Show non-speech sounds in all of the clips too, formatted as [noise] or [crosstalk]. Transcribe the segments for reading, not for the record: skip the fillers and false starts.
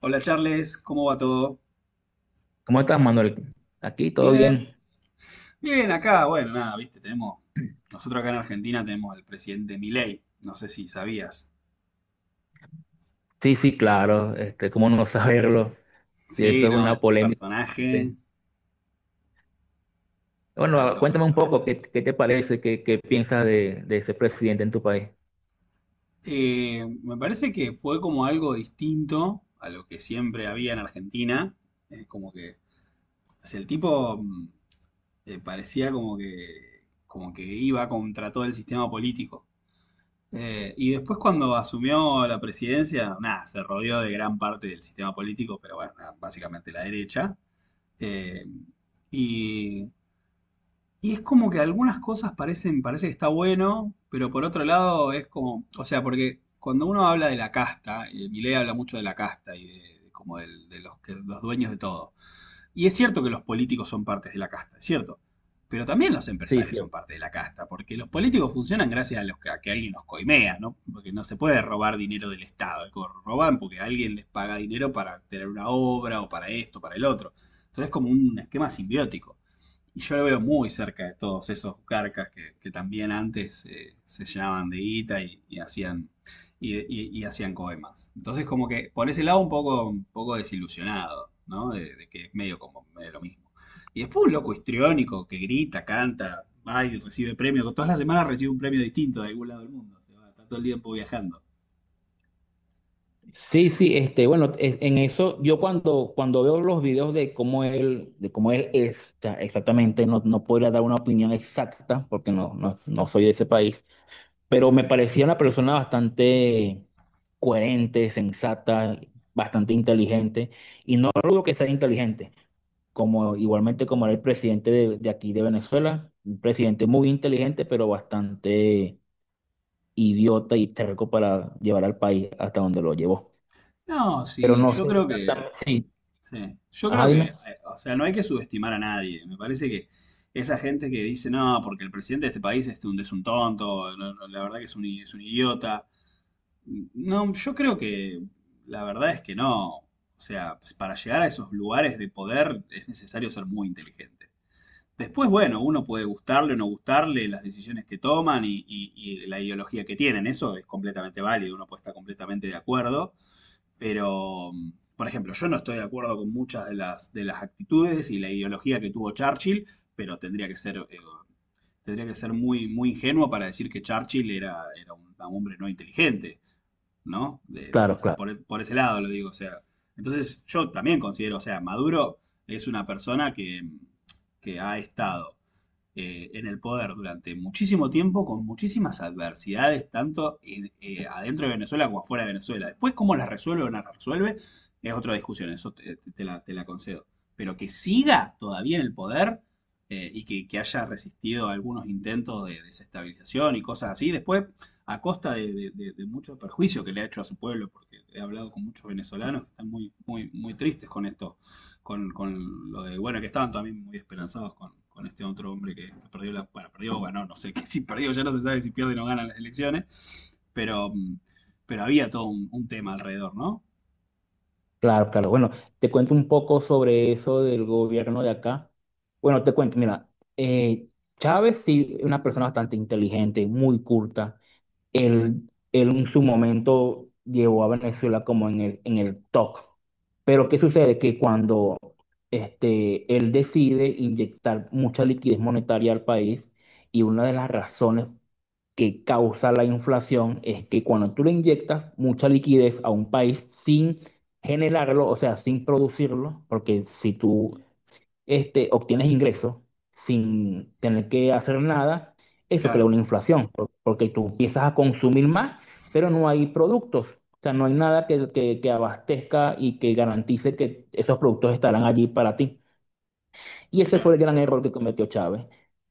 Hola Charles, ¿cómo va todo? ¿Cómo estás, Manuel? Aquí todo Bien, bien. bien, acá, bueno, nada, viste, nosotros acá en Argentina tenemos al presidente Milei, no sé si sabías. Sí, sí, claro. Este, cómo no saberlo. Y eso Sí, es no, una es un polémica bastante. personaje, Bueno, alto cuéntame un poco personaje. Qué te parece, qué piensas de ese presidente en tu país. Me parece que fue como algo distinto a lo que siempre había en Argentina, eh, como que, o sea, el tipo parecía como que iba contra todo el sistema político. Y después cuando asumió la presidencia, nada, se rodeó de gran parte del sistema político, pero bueno, nada, básicamente la derecha. Eh, y, y es como que algunas cosas parecen, parece que está bueno, pero por otro lado es como, o sea, porque cuando uno habla de la casta, Milei habla mucho de la casta de como de los, que, los dueños de todo. Y es cierto que los políticos son partes de la casta, es cierto. Pero también los Sí, empresarios sí. son parte de la casta, porque los políticos funcionan gracias a, los que, a que alguien los coimea, ¿no? Porque no se puede robar dinero del Estado, roban porque alguien les paga dinero para tener una obra o para esto, para el otro. Entonces es como un esquema simbiótico. Y yo lo veo muy cerca de todos esos carcas que también antes se llamaban de guita y hacían coemas. Entonces, como que por ese lado un poco desilusionado, ¿no? De que es medio como medio lo mismo. Y después un loco histriónico que grita, canta, va y recibe premio, todas las semanas recibe un premio distinto de algún lado del mundo. Se va, está todo el tiempo viajando. Sí, sí, este, bueno, en eso yo cuando veo los videos de cómo él es, o sea, exactamente, no, no podría dar una opinión exacta porque no, no, no soy de ese país, pero me Ujú. parecía una persona bastante coherente, sensata, bastante inteligente, y no dudo que sea inteligente, como igualmente como era el presidente de aquí de Venezuela, un presidente muy inteligente, pero bastante idiota y terco para llevar al país hasta donde lo llevó. No, Pero sí, no yo sé creo que exactamente, sí, sí. Yo creo ajá, que, dime, o sea, no hay que subestimar a nadie. Me parece que esa gente que dice, no, porque el presidente de este país es un tonto, no, no, la verdad que es un, es un idiota. No, yo creo que la verdad es que no. O sea, pues, para llegar a esos lugares de poder es necesario ser muy inteligente. Después, bueno, uno puede gustarle o no gustarle las decisiones que toman y y la ideología que tienen. Eso es completamente válido, uno puede estar completamente de acuerdo. Pero, por ejemplo, yo no estoy de acuerdo con muchas de las actitudes y la ideología que tuvo Churchill, pero tendría que ser muy, muy ingenuo para decir que Churchill era, era un hombre no inteligente, ¿no? De- o claro, sea, claro. Por ese lado lo digo, o sea. Entonces yo también considero, o sea, Maduro es una persona que ha estado en el poder durante muchísimo tiempo con muchísimas adversidades, tanto adentro de Venezuela como afuera de Venezuela. Después, cómo las resuelve o no las resuelve, es otra discusión, eso te, te la concedo. Pero que siga todavía en el poder y que, haya resistido algunos intentos de desestabilización y cosas así, después a costa de, mucho perjuicio que le ha hecho a su pueblo, porque he hablado con muchos venezolanos que están muy, muy, muy tristes con esto con lo de, bueno, que estaban también muy esperanzados con este otro hombre que perdió la, bueno, perdió o ganó, no sé, que [laughs] si perdió ya no se sabe si pierde o no gana las elecciones, pero, pero había todo un tema alrededor, ¿no? Claro, claro. Bueno, te cuento un poco sobre eso del gobierno de acá. Bueno, te cuento, mira, eh, Chávez sí, es una persona bastante inteligente, muy culta. Él en su momento llevó a Venezuela como en en el top. Pero ¿qué sucede? Que cuando este, él decide inyectar mucha liquidez monetaria al país, y una de las razones que causa la inflación es que cuando tú le inyectas mucha liquidez a un país sin generarlo, o sea, sin producirlo, porque si tú este, obtienes ingresos sin tener que hacer nada, eso crea Claro, una inflación, porque tú empiezas a consumir más, pero no hay productos. O sea, no hay nada que, que abastezca y que garantice que esos productos estarán allí para ti. Y ese fue claro. el gran error que cometió Chávez.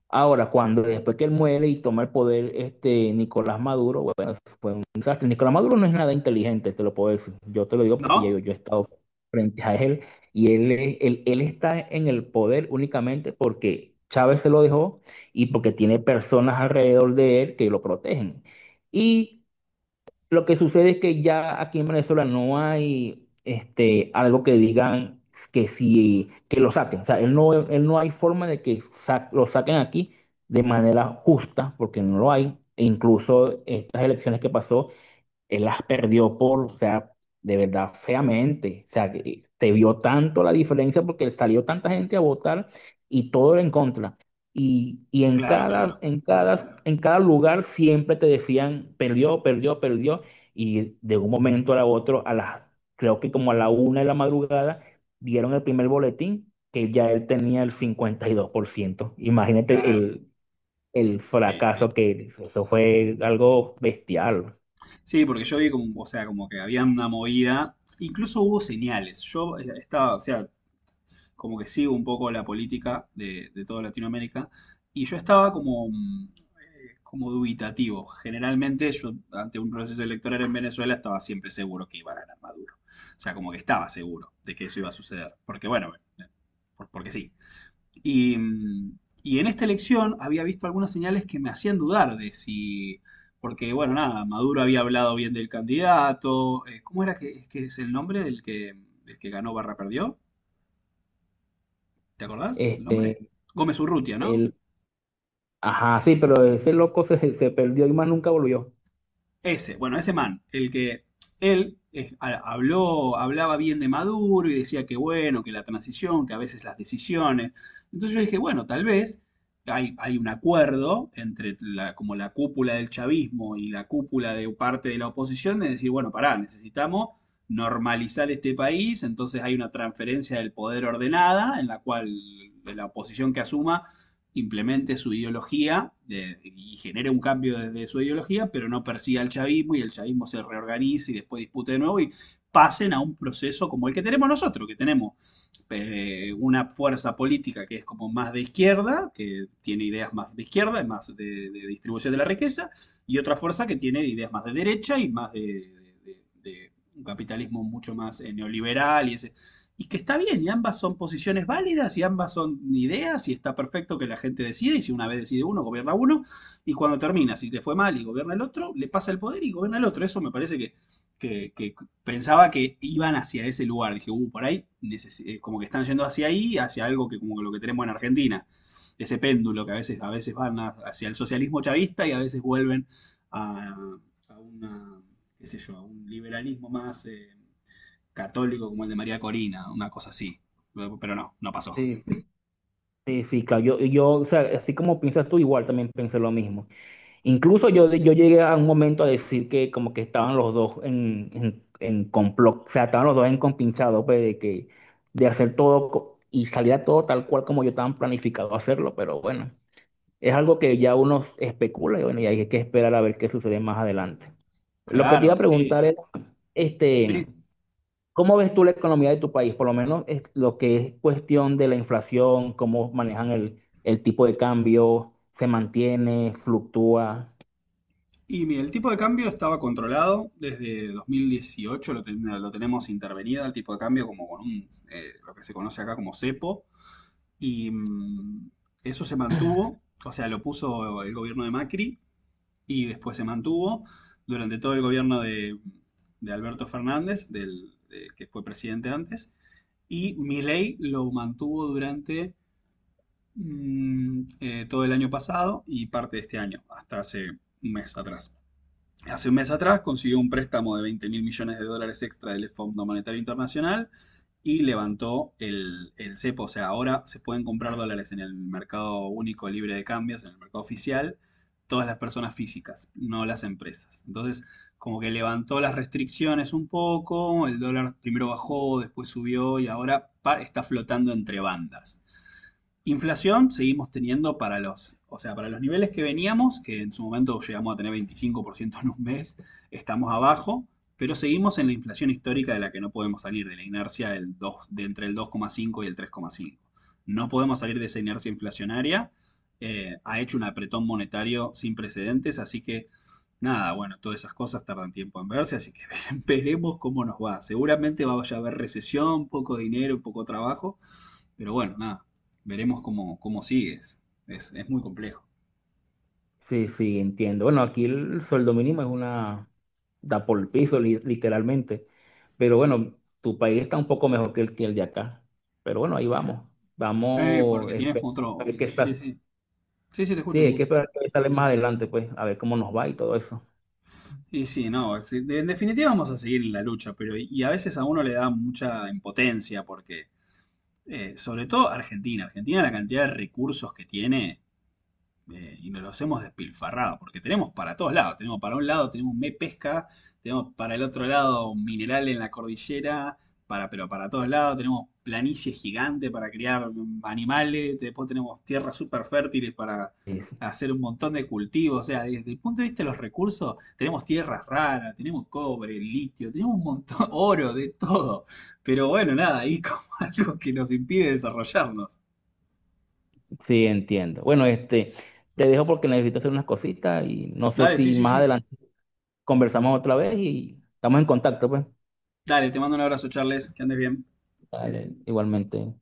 Ahora, cuando después que él muere y toma el poder este Nicolás Maduro, bueno, eso fue un desastre. Nicolás Maduro no es nada inteligente, te lo puedo decir. Yo te lo digo porque ya ¿No? Yo he estado frente a él y él, él está en el poder únicamente porque Chávez se lo dejó y porque tiene personas alrededor de él que lo protegen. Y lo que sucede es que ya aquí en Venezuela no hay este, algo que digan que sí, que lo saquen. O sea, él no hay forma de que lo saquen aquí de manera justa, porque no lo hay. E incluso estas elecciones que pasó él las perdió por, o sea, de verdad, feamente. O sea, que te vio tanto la diferencia porque salió tanta gente a votar y todo era en contra. Y en Claro, cada, claro, en cada, en cada lugar siempre te decían, perdió, perdió, perdió. Y de un momento a otro, a las, creo que como a la una de la madrugada, dieron el primer boletín que ya él tenía el 52%. Imagínate claro. El Sí, sí. fracaso que eso fue algo bestial. Sí, porque yo vi como, o sea, como que había una movida. Incluso hubo señales. Yo estaba, o sea, como que sigo un poco la política de toda Latinoamérica. Y yo estaba como, como dubitativo. Generalmente yo ante un proceso electoral en Venezuela estaba siempre seguro que iba a ganar Maduro. O sea, como que estaba seguro de que eso iba a suceder. Porque bueno, eh, porque sí. Y, mm, y en esta elección había visto algunas señales que me hacían dudar de si, porque bueno, nada, Maduro había hablado bien del candidato, ¿cómo era que es el nombre del que ganó barra perdió? ¿Te acordás el nombre? Este, Gómez Urrutia, ¿no? el, ajá, sí, pero ese loco se, se perdió y más nunca volvió. Ese, bueno, ese man, el que él hablaba bien de Maduro y decía que bueno, que la transición, que a veces las decisiones. Entonces yo dije, bueno, tal vez hay, hay un acuerdo entre la, como la cúpula del chavismo y la cúpula de parte de la oposición de decir, bueno, pará, necesitamos normalizar este país, entonces hay una transferencia del poder ordenada en la cual la oposición que asuma implemente su ideología y genere un cambio desde su ideología, pero no persiga al chavismo y el chavismo se reorganice y después dispute de nuevo y pasen a un proceso como el que tenemos nosotros, que tenemos pues, una fuerza política que es como más de izquierda, que tiene ideas más de izquierda y más de distribución de la riqueza, y otra fuerza que tiene ideas más de derecha y más de, de un capitalismo mucho más neoliberal y ese. Y que está bien, y ambas son posiciones válidas, y ambas son ideas, y está perfecto que la gente decida, y si una vez decide uno, gobierna uno, y cuando termina, si le fue mal y gobierna el otro, le pasa el poder y gobierna el otro. Eso me parece que, pensaba que iban hacia ese lugar. Dije, por ahí, como que están yendo hacia ahí, hacia algo que como lo que tenemos en Argentina. Ese péndulo que a veces van hacia el socialismo chavista y a veces vuelven a, a una, qué sé yo, a un liberalismo más católico como el de María Corina, una cosa así. Pero no, no pasó. Sí, sí, sí, claro. Yo, o sea, así como piensas tú, igual también pensé lo mismo. Incluso yo llegué a un momento a decir que como que estaban los dos en complot, o sea, estaban los dos en compinchado, pues, de que, de hacer todo y salía todo tal cual como yo estaba planificado hacerlo, pero bueno, es algo que ya uno especula y bueno, y hay que esperar a ver qué sucede más adelante. Lo que te iba a Claro, sí, preguntar es, este... sí. ¿Cómo ves tú la economía de tu país? Por lo menos es lo que es cuestión de la inflación, cómo manejan el tipo de cambio, se mantiene, fluctúa. Y mira, el tipo de cambio estaba controlado desde 2018, lo tenemos intervenido, el tipo de cambio como con un, lo que se conoce acá como cepo. Y mm, Eso se mantuvo, o sea, lo puso el gobierno de Macri y después se mantuvo durante todo el gobierno de Alberto Fernández, del, del que fue presidente antes, y Milei lo mantuvo durante todo el año pasado y parte de este año, hasta hace un mes atrás hace un mes atrás consiguió un préstamo de 20 mil millones de dólares extra del Fondo Monetario Internacional y levantó el cepo. O sea, ahora se pueden comprar dólares en el mercado único libre de cambios, en el mercado oficial, todas las personas físicas, no las empresas. Entonces, como que levantó las restricciones un poco, el dólar primero bajó, después subió y ahora está flotando entre bandas. Inflación seguimos teniendo para los, o sea, para los niveles que veníamos, que en su momento llegamos a tener 25% en un mes, estamos abajo, pero seguimos en la inflación histórica de la que no podemos salir, de la inercia del 2, de entre el 2,5 y el 3,5. No podemos salir de esa inercia inflacionaria. Ha hecho un apretón monetario sin precedentes, así que nada, bueno, todas esas cosas tardan tiempo en verse, así que [laughs] veremos cómo nos va. Seguramente vaya a haber recesión, poco dinero, poco trabajo, pero bueno, nada, veremos cómo, cómo sigues. Es muy complejo. Sí, sí, entiendo. Bueno, aquí el sueldo mínimo es una, da por el piso, literalmente. Pero bueno, tu país está un poco mejor que el de acá. Pero bueno, ahí vamos. Vamos, Porque tienes a otro... ver qué Sí, sale. sí. Sí, sí, te Sí, escucho, te hay que escucho. esperar que sale más adelante, pues, a ver cómo nos va y todo eso. Y sí, no, sí, de- en definitiva vamos a seguir en la lucha, pero y a veces a uno le da mucha impotencia porque, sobre todo Argentina, Argentina la cantidad de recursos que tiene y nos los hemos despilfarrado, porque tenemos para todos lados, tenemos para un lado, tenemos me pesca, tenemos para el otro lado un mineral en la cordillera, para, pero para todos lados, tenemos planicie gigante para criar animales, después tenemos tierras súper fértiles para Sí, sí. hacer un montón de cultivos, o sea, desde el punto de vista de los recursos, tenemos tierras raras, tenemos cobre, litio, tenemos un montón, [laughs] oro, de todo, pero bueno, nada, ahí como [laughs] algo que nos impide desarrollarnos. Sí, entiendo. Bueno, este, te dejo porque necesito hacer unas cositas y no sé Dale, sí, si sí, más sí. adelante conversamos otra vez y estamos en contacto, pues. Dale, te mando un abrazo, Charles, que andes bien. Vale, igualmente.